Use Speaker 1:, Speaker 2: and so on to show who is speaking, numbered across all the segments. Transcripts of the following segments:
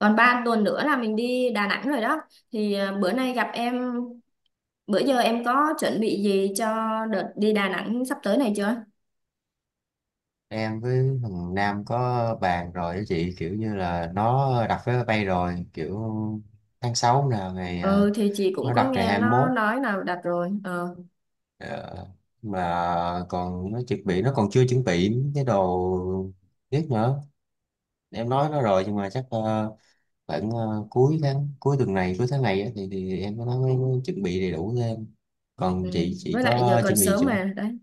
Speaker 1: Còn 3 tuần nữa là mình đi Đà Nẵng rồi đó. Thì bữa nay gặp em, bữa giờ em có chuẩn bị gì cho đợt đi Đà Nẵng sắp tới này chưa?
Speaker 2: Em với thằng Nam có bàn rồi đó chị, kiểu như là nó đặt vé máy bay rồi, kiểu tháng 6 là ngày
Speaker 1: Ừ thì chị cũng
Speaker 2: nó
Speaker 1: có
Speaker 2: đặt ngày
Speaker 1: nghe
Speaker 2: 21.
Speaker 1: nó nói là đặt rồi. Ờ,
Speaker 2: Ờ, mà còn nó chuẩn bị, nó còn chưa chuẩn bị những cái đồ tiếp nữa. Em nói nó rồi nhưng mà chắc khoảng cuối tháng, cuối tuần này, cuối tháng này á, thì em nó mới mới chuẩn bị đầy đủ thêm.
Speaker 1: ừ.
Speaker 2: Còn chị
Speaker 1: Với lại giờ
Speaker 2: có
Speaker 1: còn
Speaker 2: chuẩn bị
Speaker 1: sớm
Speaker 2: chưa?
Speaker 1: mà đấy.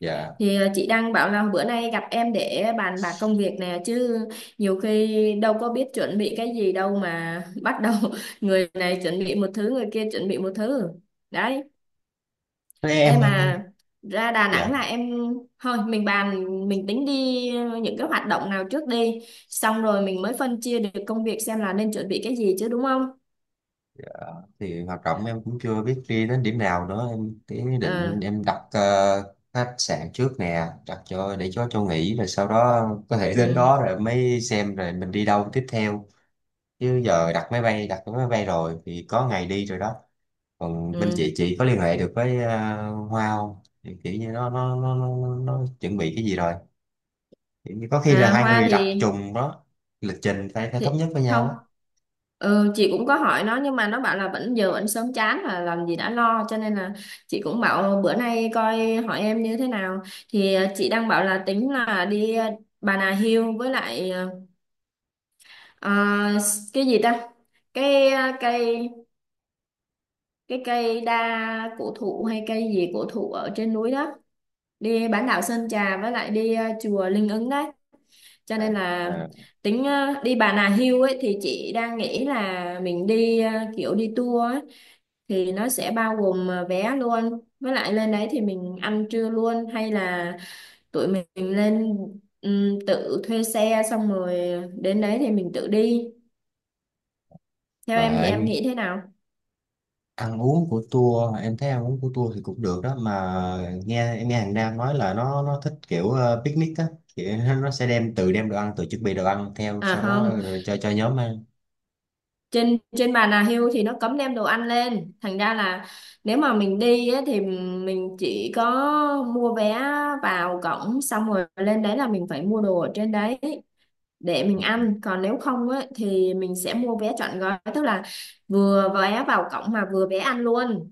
Speaker 2: Dạ.
Speaker 1: Thì chị đang bảo là bữa nay gặp em để bàn bạc công việc nè chứ, nhiều khi đâu có biết chuẩn bị cái gì đâu mà bắt đầu người này chuẩn bị một thứ, người kia chuẩn bị một thứ đấy.
Speaker 2: Thế em
Speaker 1: Em
Speaker 2: không.
Speaker 1: mà ra Đà
Speaker 2: Dạ,
Speaker 1: Nẵng là em, thôi mình bàn, mình tính đi những cái hoạt động nào trước đi, xong rồi mình mới phân chia được công việc xem là nên chuẩn bị cái gì chứ, đúng không?
Speaker 2: thì hoạt động em cũng chưa biết đi đến điểm nào nữa em. Cái ý
Speaker 1: Ờ.
Speaker 2: định em đặt khách sạn trước nè, đặt cho để cho nghỉ rồi sau đó có thể đến
Speaker 1: Ừ,
Speaker 2: đó rồi mới xem rồi mình đi đâu tiếp theo. Chứ giờ đặt máy bay, đặt cái máy bay rồi thì có ngày đi rồi đó. Còn bên chị
Speaker 1: ừ.
Speaker 2: chị có liên hệ được với Hoa không? Thì kiểu như nó chuẩn bị cái gì rồi, kiểu như có khi là hai
Speaker 1: Hoa
Speaker 2: người đặt trùng đó. Lịch trình phải phải
Speaker 1: thì
Speaker 2: thống nhất với nhau
Speaker 1: không.
Speaker 2: á.
Speaker 1: Ừ, chị cũng có hỏi nó nhưng mà nó bảo là vẫn giờ vẫn sớm chán, là làm gì đã lo, cho nên là chị cũng bảo bữa nay coi hỏi em như thế nào. Thì chị đang bảo là tính là đi Bà Nà Hills với lại À, cái gì ta, cái cây, cái cây đa cổ thụ hay cây gì cổ thụ ở trên núi đó. Đi bán đảo Sơn Trà với lại đi chùa Linh Ứng đấy, cho
Speaker 2: À,
Speaker 1: nên là
Speaker 2: à.
Speaker 1: tính đi Bà Nà Hills ấy thì chị đang nghĩ là mình đi kiểu đi tour ấy, thì nó sẽ bao gồm vé luôn, với lại lên đấy thì mình ăn trưa luôn hay là tụi mình lên tự thuê xe xong rồi đến đấy thì mình tự đi. Theo em
Speaker 2: Mà
Speaker 1: thì
Speaker 2: em
Speaker 1: em nghĩ thế nào?
Speaker 2: ăn uống của tour, em thấy ăn uống của tour thì cũng được đó, mà nghe em nghe hàng Nam nói là nó thích kiểu picnic á, kiểu nó sẽ đem, tự đem đồ ăn, tự chuẩn bị đồ ăn theo,
Speaker 1: À
Speaker 2: sau đó
Speaker 1: không,
Speaker 2: rồi cho nhóm ăn.
Speaker 1: trên trên bàn Nà hưu thì nó cấm đem đồ ăn lên. Thành ra là nếu mà mình đi á, thì mình chỉ có mua vé vào cổng, xong rồi lên đấy là mình phải mua đồ ở trên đấy để mình ăn. Còn nếu không á, thì mình sẽ mua vé trọn gói, tức là vừa vé vào cổng mà vừa vé ăn luôn.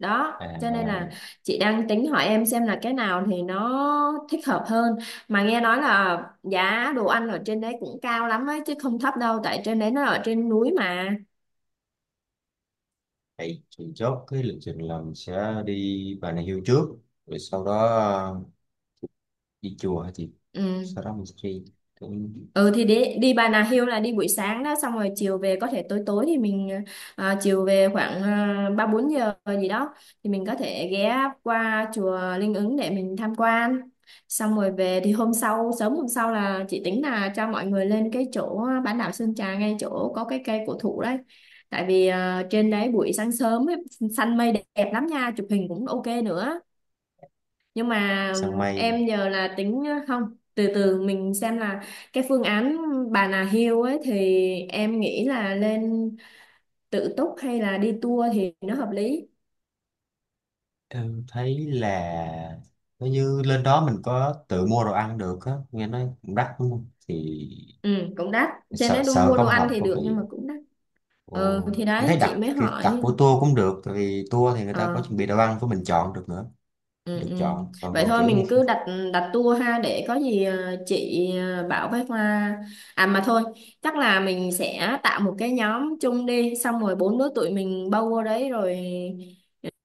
Speaker 1: Đó cho nên là
Speaker 2: À,
Speaker 1: chị đang tính hỏi em xem là cái nào thì nó thích hợp hơn, mà nghe nói là giá đồ ăn ở trên đấy cũng cao lắm ấy chứ không thấp đâu, tại trên đấy nó ở trên núi mà.
Speaker 2: vậy thì chốt cái lịch trình là mình sẽ đi Bà Nà Hills trước, rồi sau đó đi chùa hả chị? Sau
Speaker 1: Ừ.
Speaker 2: đó mình sẽ đi cũng
Speaker 1: Ừ thì đi đi Bà Nà Hills là đi buổi sáng đó, xong rồi chiều về có thể tối tối thì mình chiều về khoảng ba bốn giờ gì đó, thì mình có thể ghé qua chùa Linh Ứng để mình tham quan, xong rồi về. Thì hôm sau, sớm hôm sau là chị tính là cho mọi người lên cái chỗ bán đảo Sơn Trà, ngay chỗ có cái cây cổ thụ đấy, tại vì trên đấy buổi sáng sớm ấy, xanh mây đẹp lắm nha, chụp hình cũng ok nữa, nhưng mà
Speaker 2: săn mây.
Speaker 1: em nhờ là tính không, từ từ mình xem là cái phương án Bà Nà Hill ấy thì em nghĩ là lên tự túc hay là đi tour thì nó hợp lý?
Speaker 2: Em thấy là nếu như lên đó mình có tự mua đồ ăn được á, nghe nói cũng đắt đúng không? Thì
Speaker 1: Ừ, cũng đắt. Trên
Speaker 2: sợ
Speaker 1: đấy
Speaker 2: sợ
Speaker 1: mua đồ
Speaker 2: không
Speaker 1: ăn
Speaker 2: học
Speaker 1: thì
Speaker 2: có
Speaker 1: được nhưng mà
Speaker 2: vị.
Speaker 1: cũng đắt. Ờ
Speaker 2: Ồ,
Speaker 1: thì
Speaker 2: mình
Speaker 1: đấy
Speaker 2: thấy
Speaker 1: chị
Speaker 2: đặt
Speaker 1: mới
Speaker 2: cái đặt
Speaker 1: hỏi.
Speaker 2: của tour cũng được, tại vì tour thì người ta có
Speaker 1: Ờ.
Speaker 2: chuẩn bị đồ ăn của mình, chọn được nữa,
Speaker 1: Ừ,
Speaker 2: được
Speaker 1: ừ.
Speaker 2: chọn. Còn
Speaker 1: Vậy
Speaker 2: còn
Speaker 1: thôi
Speaker 2: kiểu như
Speaker 1: mình
Speaker 2: khi-
Speaker 1: cứ đặt đặt tour ha, để có gì chị bảo với Hoa. À mà thôi, chắc là mình sẽ tạo một cái nhóm chung, đi xong rồi bốn đứa tụi mình bao vô đấy rồi.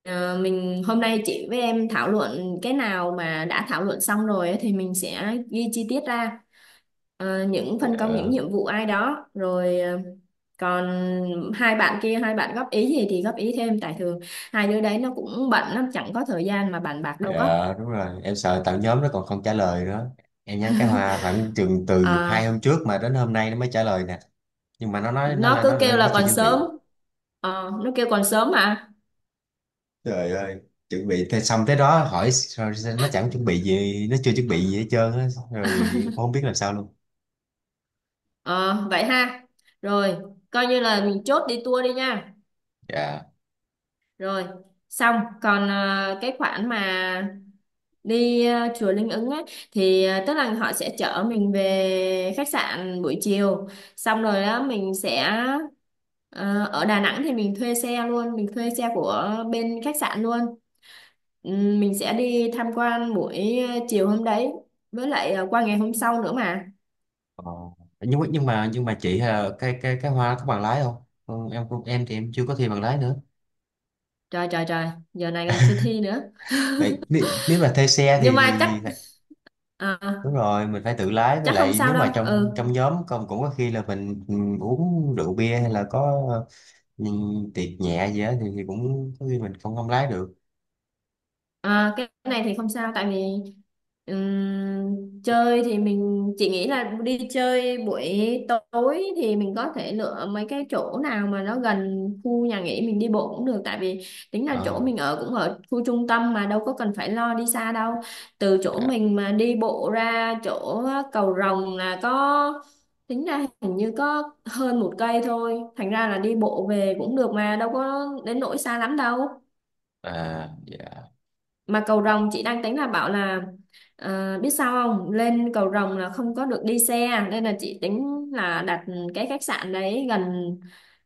Speaker 1: Ờ, mình hôm nay chị với em thảo luận cái nào mà đã thảo luận xong rồi ấy, thì mình sẽ ghi chi tiết ra. Ờ, những phân công những
Speaker 2: Dạ.
Speaker 1: nhiệm vụ ai đó rồi còn hai bạn kia hai bạn góp ý gì thì góp ý thêm, tại thường hai đứa đấy nó cũng bận lắm chẳng có thời gian mà bàn bạc đâu có.
Speaker 2: Dạ đúng rồi, em sợ tạo nhóm nó còn không trả lời nữa. Em nhắn cái hoa khoảng chừng từ
Speaker 1: Ờ,
Speaker 2: hai hôm trước mà đến hôm nay nó mới trả lời nè. Nhưng mà nó nói nó
Speaker 1: nó
Speaker 2: là nó
Speaker 1: cứ
Speaker 2: là
Speaker 1: kêu
Speaker 2: nó
Speaker 1: là
Speaker 2: chưa
Speaker 1: còn
Speaker 2: chuẩn
Speaker 1: sớm.
Speaker 2: bị.
Speaker 1: Ờ, nó kêu còn sớm mà.
Speaker 2: Trời ơi, chuẩn bị thế xong tới đó hỏi sao- sao nó chẳng chuẩn bị gì, nó chưa chuẩn bị gì hết trơn á, rồi không biết làm sao luôn.
Speaker 1: Ờ, vậy ha. Rồi, coi như là mình chốt đi tour đi nha.
Speaker 2: Dạ.
Speaker 1: Rồi xong. Còn cái khoản mà đi chùa Linh Ứng ấy thì tức là họ sẽ chở mình về khách sạn buổi chiều, xong rồi đó mình sẽ ở Đà Nẵng thì mình thuê xe luôn, mình thuê xe của bên khách sạn luôn. Mình sẽ đi tham quan buổi chiều hôm đấy, với lại qua ngày hôm sau nữa mà.
Speaker 2: Ờ, nhưng mà chị cái cái hoa có bằng lái không? Ừ, em cũng em, thì em chưa có thi bằng lái nữa.
Speaker 1: Trời, trời, trời! Giờ này còn chưa thi nữa.
Speaker 2: Đấy, nếu, nếu mà thuê xe
Speaker 1: Nhưng mà
Speaker 2: thì phải- đúng
Speaker 1: ờ,
Speaker 2: rồi mình phải tự lái. Với
Speaker 1: chắc không
Speaker 2: lại
Speaker 1: sao
Speaker 2: nếu
Speaker 1: đâu.
Speaker 2: mà trong
Speaker 1: Ừ.
Speaker 2: trong nhóm công cũng có khi là mình ừ, uống rượu bia hay là có ừ, tiệc nhẹ gì đó thì cũng có khi mình không, không lái được.
Speaker 1: À, cái này thì không sao, tại vì chơi thì mình chỉ nghĩ là đi chơi buổi tối thì mình có thể lựa mấy cái chỗ nào mà nó gần khu nhà nghỉ, mình đi bộ cũng được, tại vì tính là chỗ
Speaker 2: Ờ,
Speaker 1: mình ở cũng ở khu trung tâm mà, đâu có cần phải lo đi xa đâu. Từ chỗ
Speaker 2: dạ.
Speaker 1: mình mà đi bộ ra chỗ cầu Rồng là có, tính ra hình như có hơn 1 cây thôi, thành ra là đi bộ về cũng được mà, đâu có đến nỗi xa lắm đâu.
Speaker 2: À, dạ.
Speaker 1: Mà cầu rồng chị đang tính là bảo là biết sao không, lên cầu rồng là không có được đi xe, nên là chị tính là đặt cái khách sạn đấy gần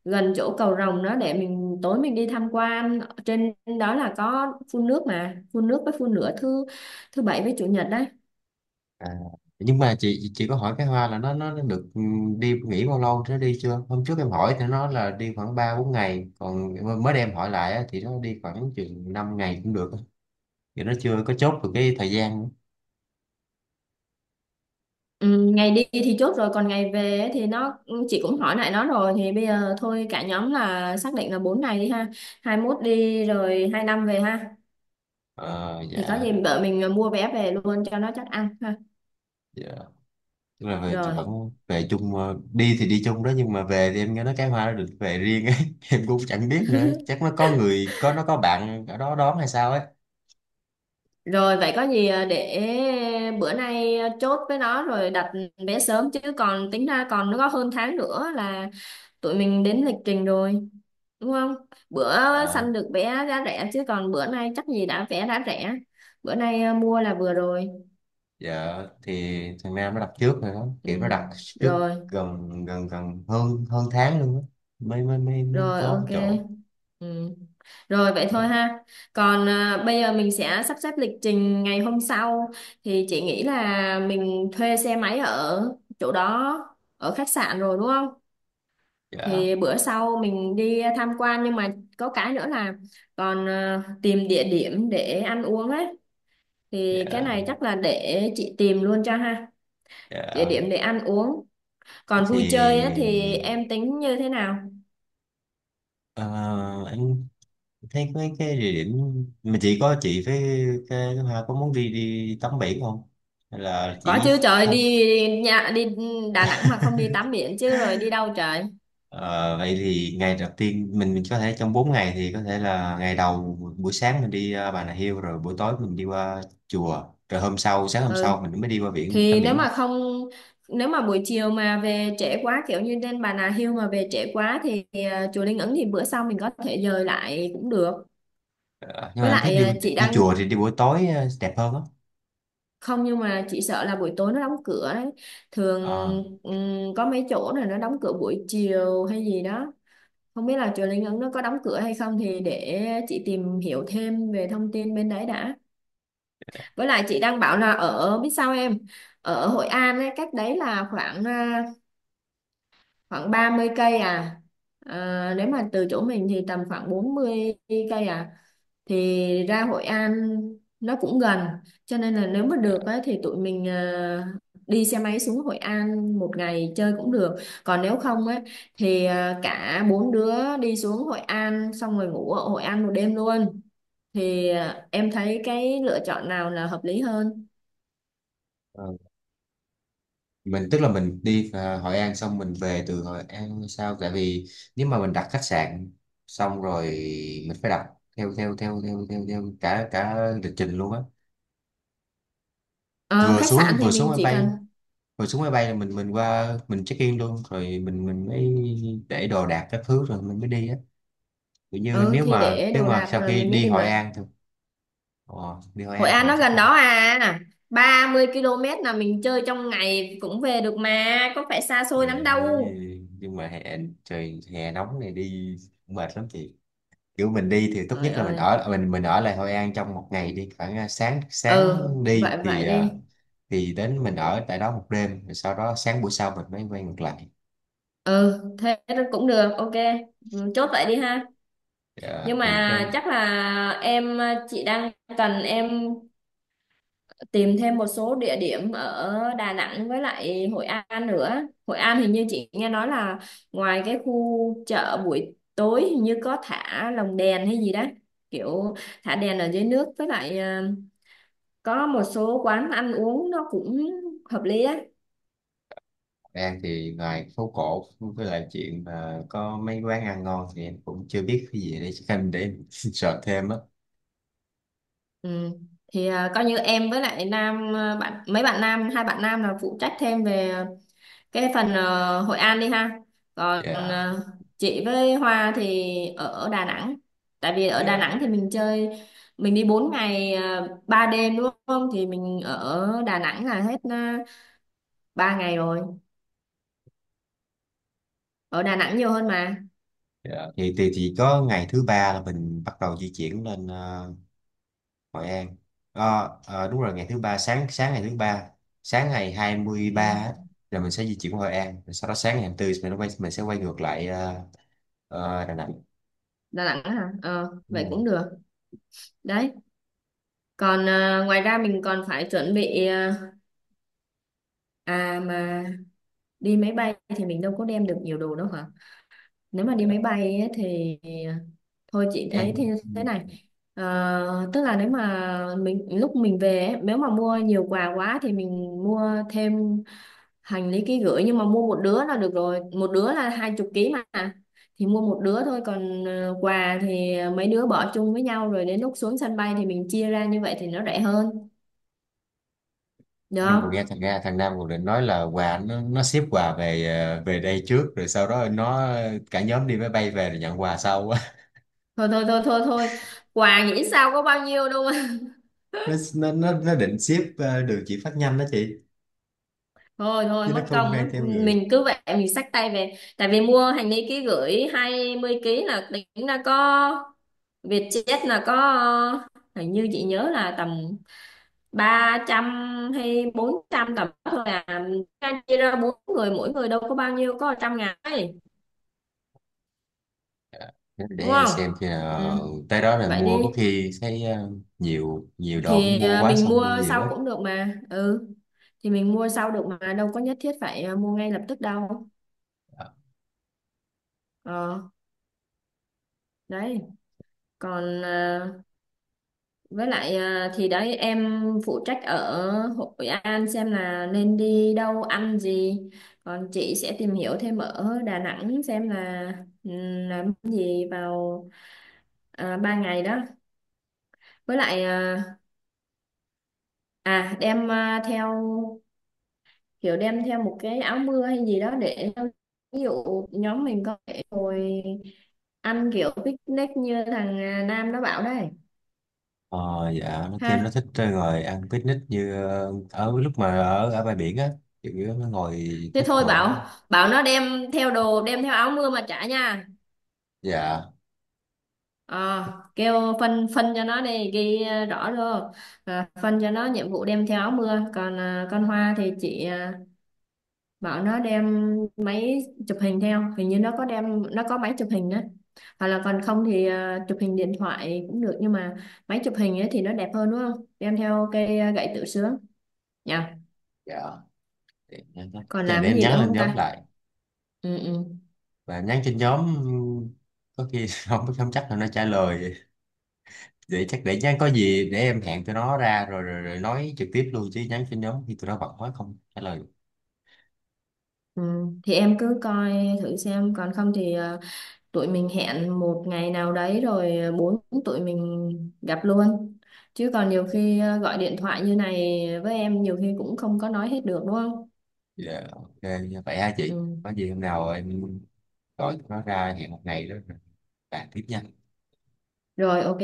Speaker 1: gần chỗ cầu rồng đó để mình tối mình đi tham quan. Trên đó là có phun nước mà, phun nước với phun lửa thứ thứ bảy với chủ nhật đấy.
Speaker 2: À, nhưng mà chị có hỏi cái Hoa là nó được ừ, đi nghỉ bao lâu thì nó đi chưa? Hôm trước em hỏi thì nó nói là đi khoảng 3 4 ngày, còn mới đem hỏi lại á, thì nó đi khoảng chừng 5 ngày cũng được á. Thì nó chưa có chốt được cái thời gian nữa.
Speaker 1: Ừ, ngày đi thì chốt rồi còn ngày về ấy thì nó, chị cũng hỏi lại nó rồi thì bây giờ thôi cả nhóm là xác định là 4 ngày đi ha, 21 đi rồi 25 về ha.
Speaker 2: Ờ
Speaker 1: Thì có
Speaker 2: dạ.
Speaker 1: gì vợ mình mua vé về luôn cho nó chắc ăn ha.
Speaker 2: Dạ. Tức là về thì
Speaker 1: rồi
Speaker 2: vẫn về chung, đi thì đi chung đó, nhưng mà về thì em nghe nói cái Hoa nó được về riêng ấy. Em cũng chẳng biết nữa, chắc nó có người, có nó có bạn ở đó đón hay sao
Speaker 1: rồi vậy có gì để bữa nay chốt với nó rồi đặt vé sớm, chứ còn tính ra còn nó có hơn tháng nữa là tụi mình đến lịch trình rồi, đúng không? Bữa
Speaker 2: ấy.
Speaker 1: săn được vé giá rẻ chứ còn bữa nay chắc gì đã vé đã rẻ, bữa nay mua là vừa rồi.
Speaker 2: Dạ, thì thằng Nam nó đặt trước rồi đó,
Speaker 1: Ừ.
Speaker 2: kiểu nó đặt trước
Speaker 1: Rồi.
Speaker 2: gần gần gần hơn hơn tháng luôn á, mới mới mới mới
Speaker 1: Rồi
Speaker 2: có
Speaker 1: ok.
Speaker 2: cái chỗ.
Speaker 1: Ừ. Rồi vậy thôi ha. Còn bây giờ mình sẽ sắp xếp lịch trình ngày hôm sau thì chị nghĩ là mình thuê xe máy ở chỗ đó, ở khách sạn rồi, đúng không?
Speaker 2: Dạ.
Speaker 1: Thì bữa sau mình đi tham quan, nhưng mà có cái nữa là còn tìm địa điểm để ăn uống ấy, thì cái
Speaker 2: Dạ.
Speaker 1: này chắc là để chị tìm luôn cho ha. Địa điểm
Speaker 2: Dạ
Speaker 1: để ăn uống. Còn vui chơi á thì
Speaker 2: thì
Speaker 1: em tính như thế nào?
Speaker 2: ờ, anh thấy mấy cái địa điểm mà chị có, chị với cái thứ hai có muốn đi đi tắm biển không hay là
Speaker 1: Có
Speaker 2: chỉ
Speaker 1: chứ trời,
Speaker 2: thăm?
Speaker 1: đi nhà, đi Đà Nẵng mà không đi tắm biển chứ rồi đi đâu trời.
Speaker 2: Ờ, vậy thì ngày đầu tiên mình có thể trong 4 ngày thì có thể là ngày đầu buổi sáng mình đi Bà Nà Hills, rồi buổi tối mình đi qua chùa, rồi hôm sau, sáng hôm sau
Speaker 1: Ừ
Speaker 2: mình mới đi qua biển đi tắm
Speaker 1: thì nếu
Speaker 2: biển đi.
Speaker 1: mà không nếu mà buổi chiều mà về trễ quá, kiểu như lên Bà Nà Hills mà về trễ quá, thì chùa Linh Ứng thì bữa sau mình có thể dời lại cũng được.
Speaker 2: Ờ, nhưng mà
Speaker 1: Với
Speaker 2: em thấy
Speaker 1: lại
Speaker 2: đi,
Speaker 1: chị
Speaker 2: đi
Speaker 1: đang,
Speaker 2: chùa thì đi buổi tối đẹp hơn á.
Speaker 1: không nhưng mà chị sợ là buổi tối nó đóng cửa đấy. Thường
Speaker 2: Ờ,
Speaker 1: có mấy chỗ này nó đóng cửa buổi chiều hay gì đó. Không biết là chùa Linh Ứng nó có đóng cửa hay không thì để chị tìm hiểu thêm về thông tin bên đấy đã. Với lại chị đang bảo là ở biết sao em, ở Hội An ấy, cách đấy là khoảng khoảng 30 cây à. À, nếu mà từ chỗ mình thì tầm khoảng 40 cây à, thì ra Hội An nó cũng gần, cho nên là nếu mà được ấy, thì tụi mình đi xe máy xuống Hội An một ngày chơi cũng được. Còn nếu không ấy thì cả bốn đứa đi xuống Hội An xong rồi ngủ ở Hội An một đêm luôn. Thì em thấy cái lựa chọn nào là hợp lý hơn?
Speaker 2: ờ, mình tức là mình đi Hội An xong mình về từ Hội An sao, tại vì nếu mà mình đặt khách sạn xong rồi mình phải đặt theo theo theo theo theo, theo cả cả lịch trình luôn á.
Speaker 1: Ờ, khách sạn thì
Speaker 2: Vừa xuống
Speaker 1: mình
Speaker 2: máy
Speaker 1: chỉ
Speaker 2: bay
Speaker 1: cần,
Speaker 2: rồi, xuống máy bay là mình qua mình check in luôn, rồi mình mới để đồ đạc các thứ rồi mình mới đi á. Kiểu như
Speaker 1: ừ thì để
Speaker 2: nếu
Speaker 1: đồ
Speaker 2: mà
Speaker 1: đạc
Speaker 2: sau
Speaker 1: là
Speaker 2: khi
Speaker 1: mình mới
Speaker 2: đi
Speaker 1: đi
Speaker 2: Hội
Speaker 1: mà.
Speaker 2: An thôi. Ồ, đi Hội
Speaker 1: Hội
Speaker 2: An thì
Speaker 1: An
Speaker 2: mình
Speaker 1: nó
Speaker 2: chắc
Speaker 1: gần
Speaker 2: ăn.
Speaker 1: đó à, 30 km là mình chơi trong ngày cũng về được mà, có phải xa
Speaker 2: Ừ,
Speaker 1: xôi lắm đâu.
Speaker 2: nhưng mà hè, trời hè nóng này đi cũng mệt lắm chị, kiểu mình đi thì tốt nhất
Speaker 1: Trời
Speaker 2: là mình
Speaker 1: ơi.
Speaker 2: ở, mình ở lại Hội An trong một ngày, đi khoảng à, sáng sáng
Speaker 1: Ừ,
Speaker 2: đi
Speaker 1: vậy
Speaker 2: thì
Speaker 1: vậy
Speaker 2: à,
Speaker 1: đi.
Speaker 2: thì đến mình ở tại đó một đêm rồi sau đó sáng buổi sau mình mới quay ngược lại.
Speaker 1: Ừ thế cũng được, ok. Ừ, chốt vậy đi ha. Nhưng
Speaker 2: Ờ, thì cái
Speaker 1: mà chắc là em, chị đang cần em tìm thêm một số địa điểm ở Đà Nẵng với lại Hội An nữa. Hội An hình như chị nghe nói là ngoài cái khu chợ buổi tối hình như có thả lồng đèn hay gì đó, kiểu thả đèn ở dưới nước, với lại có một số quán ăn uống nó cũng hợp lý á.
Speaker 2: An thì ngoài phố cổ với lại chuyện mà có mấy quán ăn ngon thì em cũng chưa biết cái gì để xem để em sợ thêm á.
Speaker 1: Ừ. Thì coi như em với lại Nam, bạn mấy bạn nam hai bạn nam là phụ trách thêm về cái phần Hội An đi ha. Còn
Speaker 2: Dạ,
Speaker 1: chị với Hoa thì ở Đà Nẵng, tại vì ở Đà
Speaker 2: dạ,
Speaker 1: Nẵng thì mình chơi, mình đi 4 ngày 3 đêm đúng không, thì mình ở Đà Nẵng là hết uh, 3 ngày rồi, ở Đà Nẵng nhiều hơn mà.
Speaker 2: dạ. Thì chỉ có ngày thứ ba là mình bắt đầu di chuyển lên Hội An. Ờ, ờ, đúng rồi, ngày thứ ba, sáng sáng ngày thứ ba, sáng ngày 23 á,
Speaker 1: Ừ,
Speaker 2: là mình sẽ di chuyển qua Hội An. Rồi sau đó sáng ngày hai mươi tư mình quay, mình sẽ quay ngược lại Đà Nẵng.
Speaker 1: Đà Nẵng hả. Ờ
Speaker 2: Đúng
Speaker 1: vậy
Speaker 2: rồi.
Speaker 1: cũng được đấy. Còn ngoài ra mình còn phải chuẩn bị à mà đi máy bay thì mình đâu có đem được nhiều đồ đâu hả? Nếu mà đi máy
Speaker 2: Dạ.
Speaker 1: bay ấy, thì thôi chị thấy thế
Speaker 2: Em
Speaker 1: thế này. Ờ, tức là nếu mà mình lúc mình về ấy, nếu mà mua nhiều quà quá thì mình mua thêm hành lý ký gửi, nhưng mà mua một đứa là được rồi, một đứa là 20 ký mà. Thì mua một đứa thôi, còn quà thì mấy đứa bỏ chung với nhau rồi đến lúc xuống sân bay thì mình chia ra, như vậy thì nó rẻ hơn, được
Speaker 2: em vừa nghe
Speaker 1: không?
Speaker 2: thằng Nga, thằng Nam còn định nói là quà nó ship quà về về đây trước rồi sau đó nó cả nhóm đi máy bay về rồi nhận quà sau á.
Speaker 1: Thôi, thôi, thôi, thôi, thôi, quà nghĩ sao có bao nhiêu đâu.
Speaker 2: Nó định ship đường chỉ phát nhanh đó chị,
Speaker 1: Thôi, thôi,
Speaker 2: chứ nó
Speaker 1: mất
Speaker 2: không
Speaker 1: công
Speaker 2: mang
Speaker 1: lắm.
Speaker 2: theo người.
Speaker 1: Mình cứ vậy mình xách tay về, tại vì mua hành lý ký gửi 20 ký là tính ra có Vietjet là có hình như chị nhớ là tầm 300 hay 400 tầm đó thôi à. Ra chia ra bốn người mỗi người đâu có bao nhiêu, có trăm ngàn ấy, đúng
Speaker 2: Để
Speaker 1: không.
Speaker 2: xem khi
Speaker 1: Ừ.
Speaker 2: nào tới đó là
Speaker 1: Vậy
Speaker 2: mua, có
Speaker 1: đi.
Speaker 2: khi thấy nhiều nhiều đồ cũng
Speaker 1: Thì
Speaker 2: mua quá,
Speaker 1: mình
Speaker 2: xong
Speaker 1: mua
Speaker 2: mua nhiều
Speaker 1: sau
Speaker 2: ấy.
Speaker 1: cũng được mà. Ừ thì mình mua sau được mà đâu có nhất thiết phải mua ngay lập tức đâu. Ờ đấy. Còn với lại thì đấy em phụ trách ở Hội An xem là nên đi đâu ăn gì. Còn chị sẽ tìm hiểu thêm ở Đà Nẵng xem là làm gì vào 3 ngày đó. Với lại đem theo kiểu đem theo một cái áo mưa hay gì đó để ví dụ nhóm mình có thể ngồi ăn kiểu picnic như thằng Nam nó bảo đây.
Speaker 2: Ờ dạ, nó kêu nó
Speaker 1: Ha.
Speaker 2: thích ngồi ăn picnic như ở lúc mà ở ở bãi biển á, kiểu như nó ngồi
Speaker 1: Thế
Speaker 2: thích
Speaker 1: thôi
Speaker 2: ngồi.
Speaker 1: bảo bảo nó đem theo đồ, đem theo áo mưa mà trả nha.
Speaker 2: Dạ.
Speaker 1: Ờ, kêu phân phân cho nó đi, ghi rõ vô, phân cho nó nhiệm vụ đem theo áo mưa. Còn con Hoa thì chị bảo nó đem máy chụp hình theo, hình như nó có đem, nó có máy chụp hình đó. Hoặc là còn không thì chụp hình điện thoại cũng được nhưng mà máy chụp hình ấy thì nó đẹp hơn, đúng không? Đem theo cây gậy tự sướng nha.
Speaker 2: Dạ để,
Speaker 1: Còn
Speaker 2: để
Speaker 1: làm cái
Speaker 2: em
Speaker 1: gì
Speaker 2: nhắn
Speaker 1: nữa
Speaker 2: lên
Speaker 1: không
Speaker 2: nhóm
Speaker 1: ta.
Speaker 2: lại
Speaker 1: Ừ, ừ,
Speaker 2: và nhắn trên nhóm có khi không không chắc là nó trả lời vậy. Vậy chắc để nhắn, có gì để em hẹn tụi nó ra rồi rồi, rồi nói trực tiếp luôn, chứ nhắn trên nhóm thì tụi nó bận quá không trả lời.
Speaker 1: ừ. Thì em cứ coi thử xem còn không thì tụi mình hẹn một ngày nào đấy rồi bốn tụi mình gặp luôn, chứ còn nhiều khi gọi điện thoại như này với em nhiều khi cũng không có nói hết được, đúng không?
Speaker 2: Dạ, ok. Vậy ha chị,
Speaker 1: Ừ.
Speaker 2: có gì hôm nào em gọi tụi nó ra hẹn một ngày đó rồi bàn tiếp nha.
Speaker 1: Rồi ok.